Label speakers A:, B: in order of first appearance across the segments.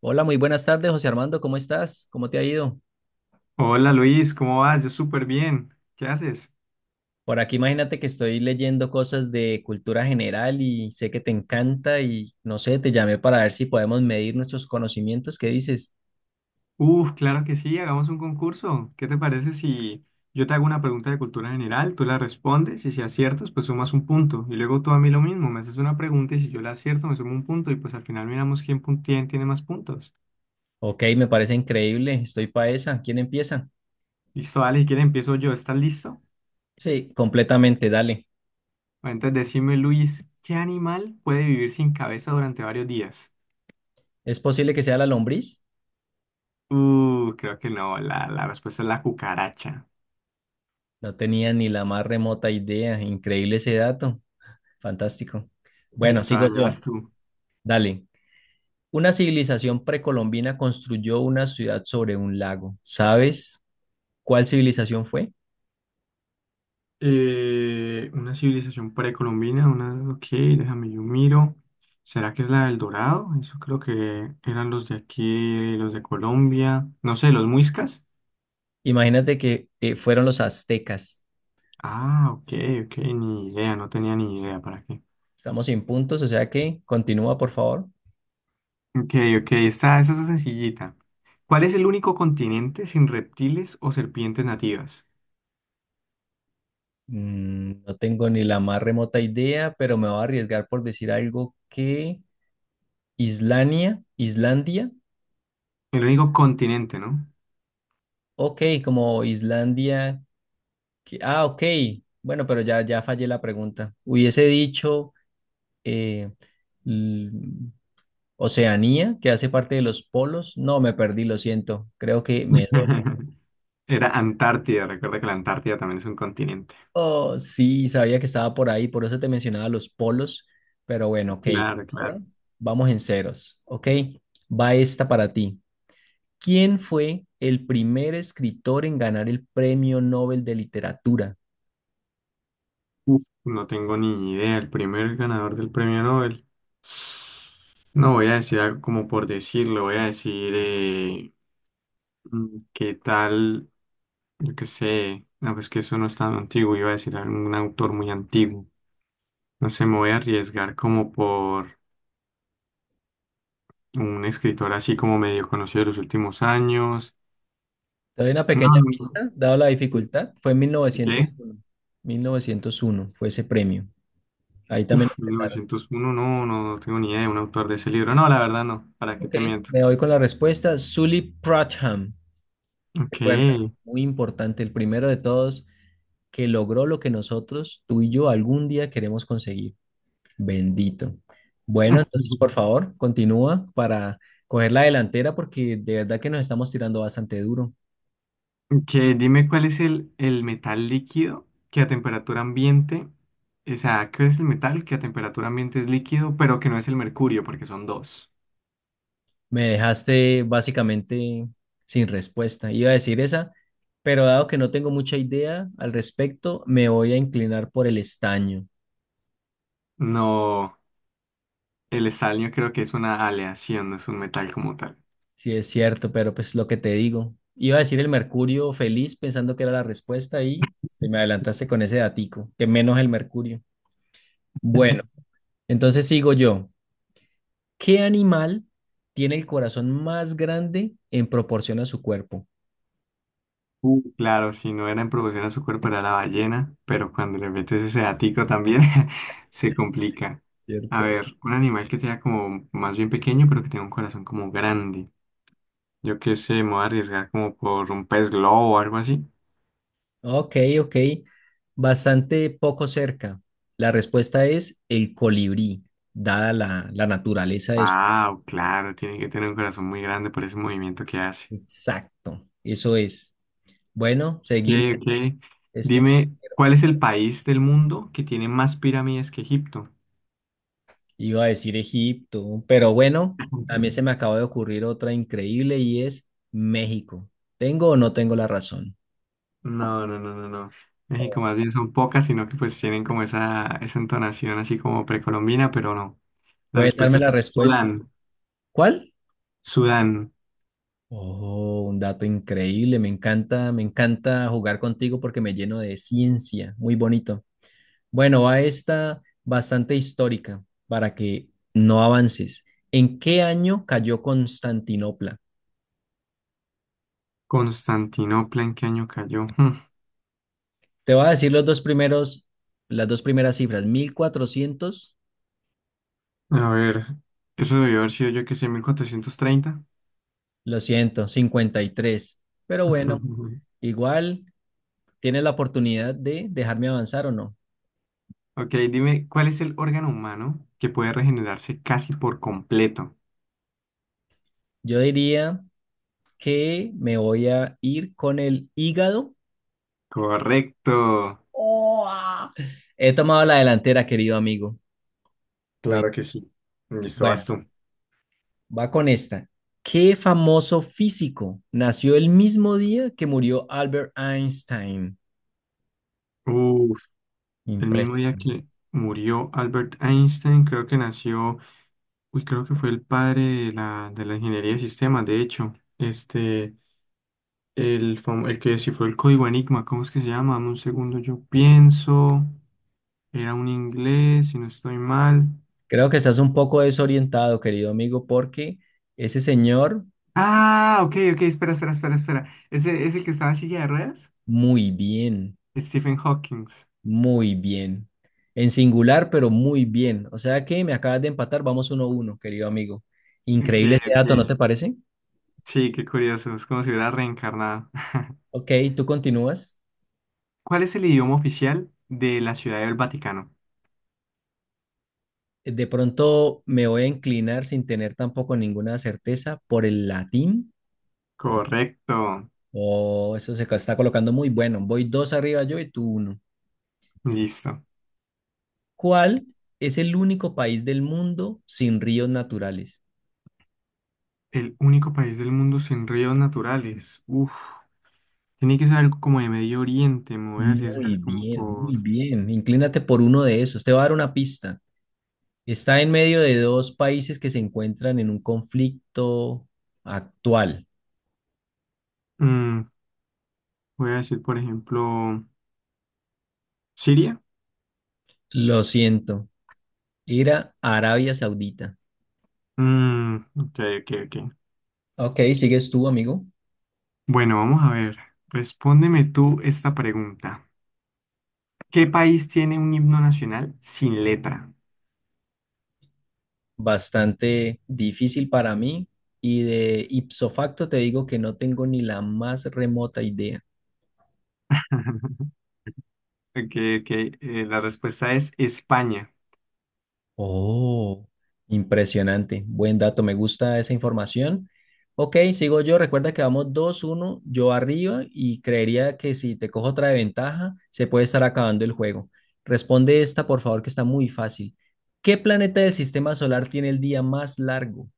A: Hola, muy buenas tardes, José Armando, ¿cómo estás? ¿Cómo te ha ido?
B: Hola Luis, ¿cómo vas? Yo súper bien. ¿Qué haces?
A: Por aquí imagínate que estoy leyendo cosas de cultura general y sé que te encanta y no sé, te llamé para ver si podemos medir nuestros conocimientos. ¿Qué dices?
B: Uf, claro que sí, hagamos un concurso. ¿Qué te parece si yo te hago una pregunta de cultura general, tú la respondes y si aciertas, pues sumas un punto? Y luego tú a mí lo mismo, me haces una pregunta y si yo la acierto, me sumo un punto y pues al final miramos quién, quién tiene más puntos.
A: Ok, me parece increíble, estoy pa' esa. ¿Quién empieza?
B: Listo, dale, si quieres empiezo yo, ¿estás listo?
A: Sí, completamente, dale.
B: Bueno, entonces decime Luis, ¿qué animal puede vivir sin cabeza durante varios días?
A: ¿Es posible que sea la lombriz?
B: Creo que no, la respuesta es la cucaracha.
A: No tenía ni la más remota idea. Increíble ese dato. Fantástico. Bueno,
B: Listo,
A: sigo
B: dale,
A: yo.
B: vas tú.
A: Dale. Una civilización precolombina construyó una ciudad sobre un lago, ¿sabes cuál civilización fue?
B: Una civilización precolombina, ok, déjame yo miro. ¿Será que es la del Dorado? Eso creo que eran los de aquí, los de Colombia. No sé, los muiscas.
A: Imagínate que fueron los aztecas.
B: Ah, ok, ok, ni idea, no tenía ni idea para qué.
A: Estamos sin puntos, o sea que continúa, por favor.
B: Ok, ok, esta es sencillita. ¿Cuál es el único continente sin reptiles o serpientes nativas?
A: Mm, no tengo ni la más remota idea, pero me voy a arriesgar por decir algo que Islania, Islandia.
B: El único continente, ¿no?
A: Ok, como Islandia. Ah, ok. Bueno, pero ya, ya fallé la pregunta. Hubiese dicho eh, l- Oceanía, que hace parte de los polos. No, me perdí, lo siento. Creo que me...
B: Era Antártida, recuerda que la Antártida también es un continente.
A: Oh, sí, sabía que estaba por ahí, por eso te mencionaba los polos, pero bueno, ok.
B: Claro,
A: Ahora
B: claro.
A: vamos en ceros, ok. Va esta para ti. ¿Quién fue el primer escritor en ganar el Premio Nobel de Literatura?
B: Uf, no tengo ni idea. El primer ganador del premio Nobel. No voy a decir algo como por decirlo. Voy a decir qué tal, yo qué sé. No, pues que eso no es tan antiguo. Iba a decir algún autor muy antiguo. No sé, me voy a arriesgar como por un escritor así como medio conocido de los últimos años.
A: Te doy una
B: No,
A: pequeña
B: no,
A: pista, dado la
B: no.
A: dificultad, fue en
B: ¿Qué?
A: 1901. 1901 fue ese premio. Ahí también
B: Uf,
A: empezaron.
B: 1901, no, no, no tengo ni idea de un autor de ese libro. No, la verdad no. ¿Para qué
A: Ok,
B: te miento?
A: me voy con la respuesta. Sully Pratcham.
B: Ok.
A: Recuerda, muy importante, el primero de todos que logró lo que nosotros, tú y yo, algún día queremos conseguir. Bendito. Bueno, entonces, por favor, continúa para coger la delantera porque de verdad que nos estamos tirando bastante duro.
B: Que dime cuál es el metal líquido que a temperatura ambiente, o sea, ¿qué es el metal que a temperatura ambiente es líquido, pero que no es el mercurio, porque son dos?
A: Me dejaste básicamente sin respuesta. Iba a decir esa, pero dado que no tengo mucha idea al respecto, me voy a inclinar por el estaño.
B: No, el estaño creo que es una aleación, no es un metal como tal.
A: Sí, es cierto, pero pues lo que te digo. Iba a decir el mercurio feliz pensando que era la respuesta y te me adelantaste con ese datico, que menos el mercurio. Bueno, entonces sigo yo. ¿Qué animal tiene el corazón más grande en proporción a su cuerpo?
B: Claro, si no era en proporción a su cuerpo era la ballena, pero cuando le metes ese datico también se complica. A
A: ¿Cierto?
B: ver, un animal que sea como más bien pequeño, pero que tenga un corazón como grande. Yo qué sé, me voy a arriesgar como por un pez globo o algo así.
A: Ok, ok. Bastante poco cerca. La respuesta es el colibrí, dada la, la naturaleza de su...
B: Wow, claro, tiene que tener un corazón muy grande por ese movimiento que hace.
A: Exacto, eso es. Bueno,
B: Ok,
A: seguimos.
B: ok.
A: Esto es...
B: Dime, ¿cuál es el país del mundo que tiene más pirámides que Egipto?
A: Iba a decir Egipto, pero bueno, también se me acaba de ocurrir otra increíble y es México. ¿Tengo o no tengo la razón?
B: No, no, no, no, no. México
A: Oh.
B: más bien son pocas, sino que pues tienen como esa, entonación así como precolombina, pero no. La
A: ¿Puede darme
B: respuesta
A: la
B: es
A: respuesta?
B: Sudán.
A: ¿Cuál?
B: Sudán.
A: Oh, un dato increíble. Me encanta jugar contigo porque me lleno de ciencia. Muy bonito. Bueno, va esta bastante histórica para que no avances. ¿En qué año cayó Constantinopla?
B: Constantinopla, ¿en qué año cayó?
A: Te voy a decir los dos primeros, las dos primeras cifras. Mil cuatrocientos.
B: A ver, eso debió haber sido yo que sé, 1430.
A: Lo siento, 53. Pero bueno, igual tienes la oportunidad de dejarme avanzar o no.
B: Ok, dime, ¿cuál es el órgano humano que puede regenerarse casi por completo?
A: Yo diría que me voy a ir con el hígado.
B: Correcto.
A: Oh, ah. He tomado la delantera, querido amigo. Muy
B: Claro que sí. Listo, vas
A: bueno,
B: tú.
A: va con esta. ¿Qué famoso físico nació el mismo día que murió Albert Einstein?
B: Uf, el mismo
A: Impresionante.
B: día que murió Albert Einstein, creo que nació, uy, creo que fue el padre de la ingeniería de sistemas, de hecho. Este, el que descifró el código Enigma, ¿cómo es que se llama? Dame un segundo, yo pienso. Era un inglés, si no estoy mal.
A: Creo que estás un poco desorientado, querido amigo, porque ese señor,
B: Ah, ok, ok, espera, espera, espera, espera. ¿Ese es el que estaba en silla de ruedas?
A: muy bien,
B: Stephen Hawking.
A: muy bien. En singular, pero muy bien. O sea que me acabas de empatar, vamos uno a uno, querido amigo.
B: Que,
A: Increíble ese
B: que-
A: dato, ¿no te parece?
B: sí, qué curioso. Es como si hubiera reencarnado.
A: Ok, tú continúas.
B: ¿Cuál es el idioma oficial de la Ciudad del Vaticano?
A: De pronto me voy a inclinar sin tener tampoco ninguna certeza por el latín.
B: Correcto.
A: Oh, eso se está colocando muy bueno. Voy dos arriba yo y tú uno.
B: Listo.
A: ¿Cuál es el único país del mundo sin ríos naturales?
B: El único país del mundo sin ríos naturales. Uf. Tiene que ser algo como de Medio Oriente. Me voy a
A: Muy
B: arriesgar como
A: bien, muy
B: por...
A: bien. Inclínate por uno de esos. Te voy a dar una pista. Está en medio de dos países que se encuentran en un conflicto actual.
B: mm, voy a decir, por ejemplo, Siria.
A: Lo siento. Era Arabia Saudita.
B: Mm, ok, ok, ok.
A: Ok, sigues tú, amigo.
B: Bueno, vamos a ver. Respóndeme tú esta pregunta. ¿Qué país tiene un himno nacional sin letra?
A: Bastante difícil para mí y de ipso facto te digo que no tengo ni la más remota idea.
B: Ok, ok. La respuesta es España.
A: Oh, impresionante, buen dato, me gusta esa información. Ok, sigo yo, recuerda que vamos dos uno, yo arriba y creería que si te cojo otra de ventaja, se puede estar acabando el juego. Responde esta, por favor, que está muy fácil. ¿Qué planeta del sistema solar tiene el día más largo?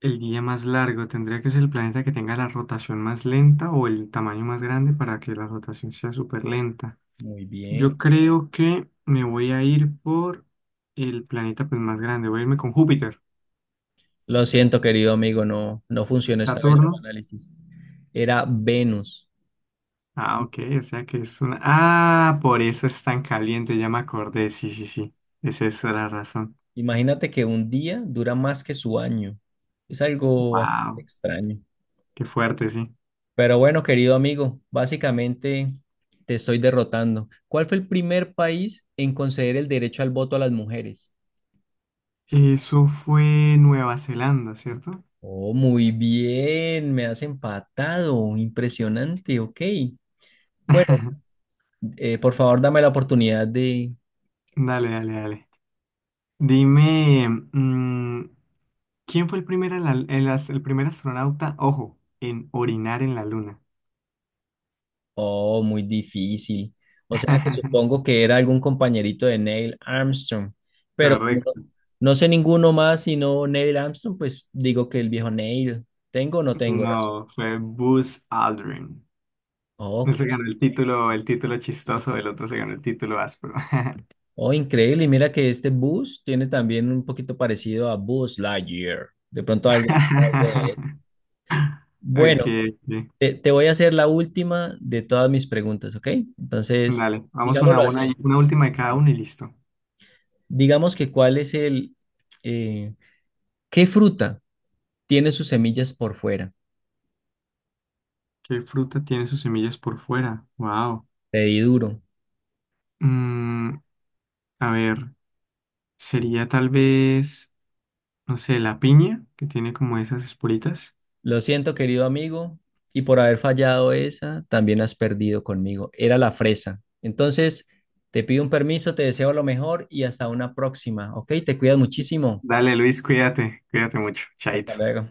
B: El día más largo tendría que ser el planeta que tenga la rotación más lenta o el tamaño más grande para que la rotación sea súper lenta.
A: Muy bien.
B: Yo creo que me voy a ir por el planeta pues, más grande. Voy a irme con Júpiter.
A: Lo siento, querido amigo, no, no funcionó esta vez
B: Saturno.
A: tu análisis. Era Venus.
B: Ah, ok. O sea que es una... Ah, por eso es tan caliente. Ya me acordé. Sí, sí, sí. Esa es la razón.
A: Imagínate que un día dura más que su año. Es algo bastante
B: Wow.
A: extraño.
B: Qué fuerte, sí.
A: Pero bueno, querido amigo, básicamente te estoy derrotando. ¿Cuál fue el primer país en conceder el derecho al voto a las mujeres?
B: Eso fue Nueva Zelanda, ¿cierto?
A: Oh, muy bien, me has empatado. Impresionante, ok. Bueno, por favor, dame la oportunidad de...
B: Dale, dale, dale. Dime, ¿quién fue el primer, en la- el as- el primer astronauta, ojo, en orinar en la luna?
A: Oh, muy difícil. O sea que supongo que era algún compañerito de Neil Armstrong, pero como no,
B: Correcto.
A: no sé ninguno más sino Neil Armstrong, pues digo que el viejo Neil. ¿Tengo o no tengo razón?
B: No, fue Buzz Aldrin. Él
A: Ok.
B: se ganó el título chistoso, el otro se ganó el título áspero.
A: Oh, increíble. Y mira que este bus tiene también un poquito parecido a Buzz Lightyear. De pronto algo, algo de eso.
B: Ok,
A: Bueno,
B: ok.
A: te voy a hacer la última de todas mis preguntas, ¿ok? Entonces,
B: Dale, vamos una a
A: digámoslo
B: una,
A: así.
B: y una última de cada uno y listo.
A: Digamos que cuál es el... eh, ¿qué fruta tiene sus semillas por fuera?
B: ¿Qué fruta tiene sus semillas por fuera? Wow.
A: Te di duro.
B: Mm, a ver, sería tal vez. No sé, la piña, que tiene como esas esporitas.
A: Lo siento, querido amigo, y por haber fallado esa, también has perdido conmigo. Era la fresa. Entonces, te pido un permiso, te deseo lo mejor y hasta una próxima, ¿ok? Te cuidas muchísimo.
B: Dale, Luis, cuídate, cuídate mucho, chaito.
A: Hasta luego.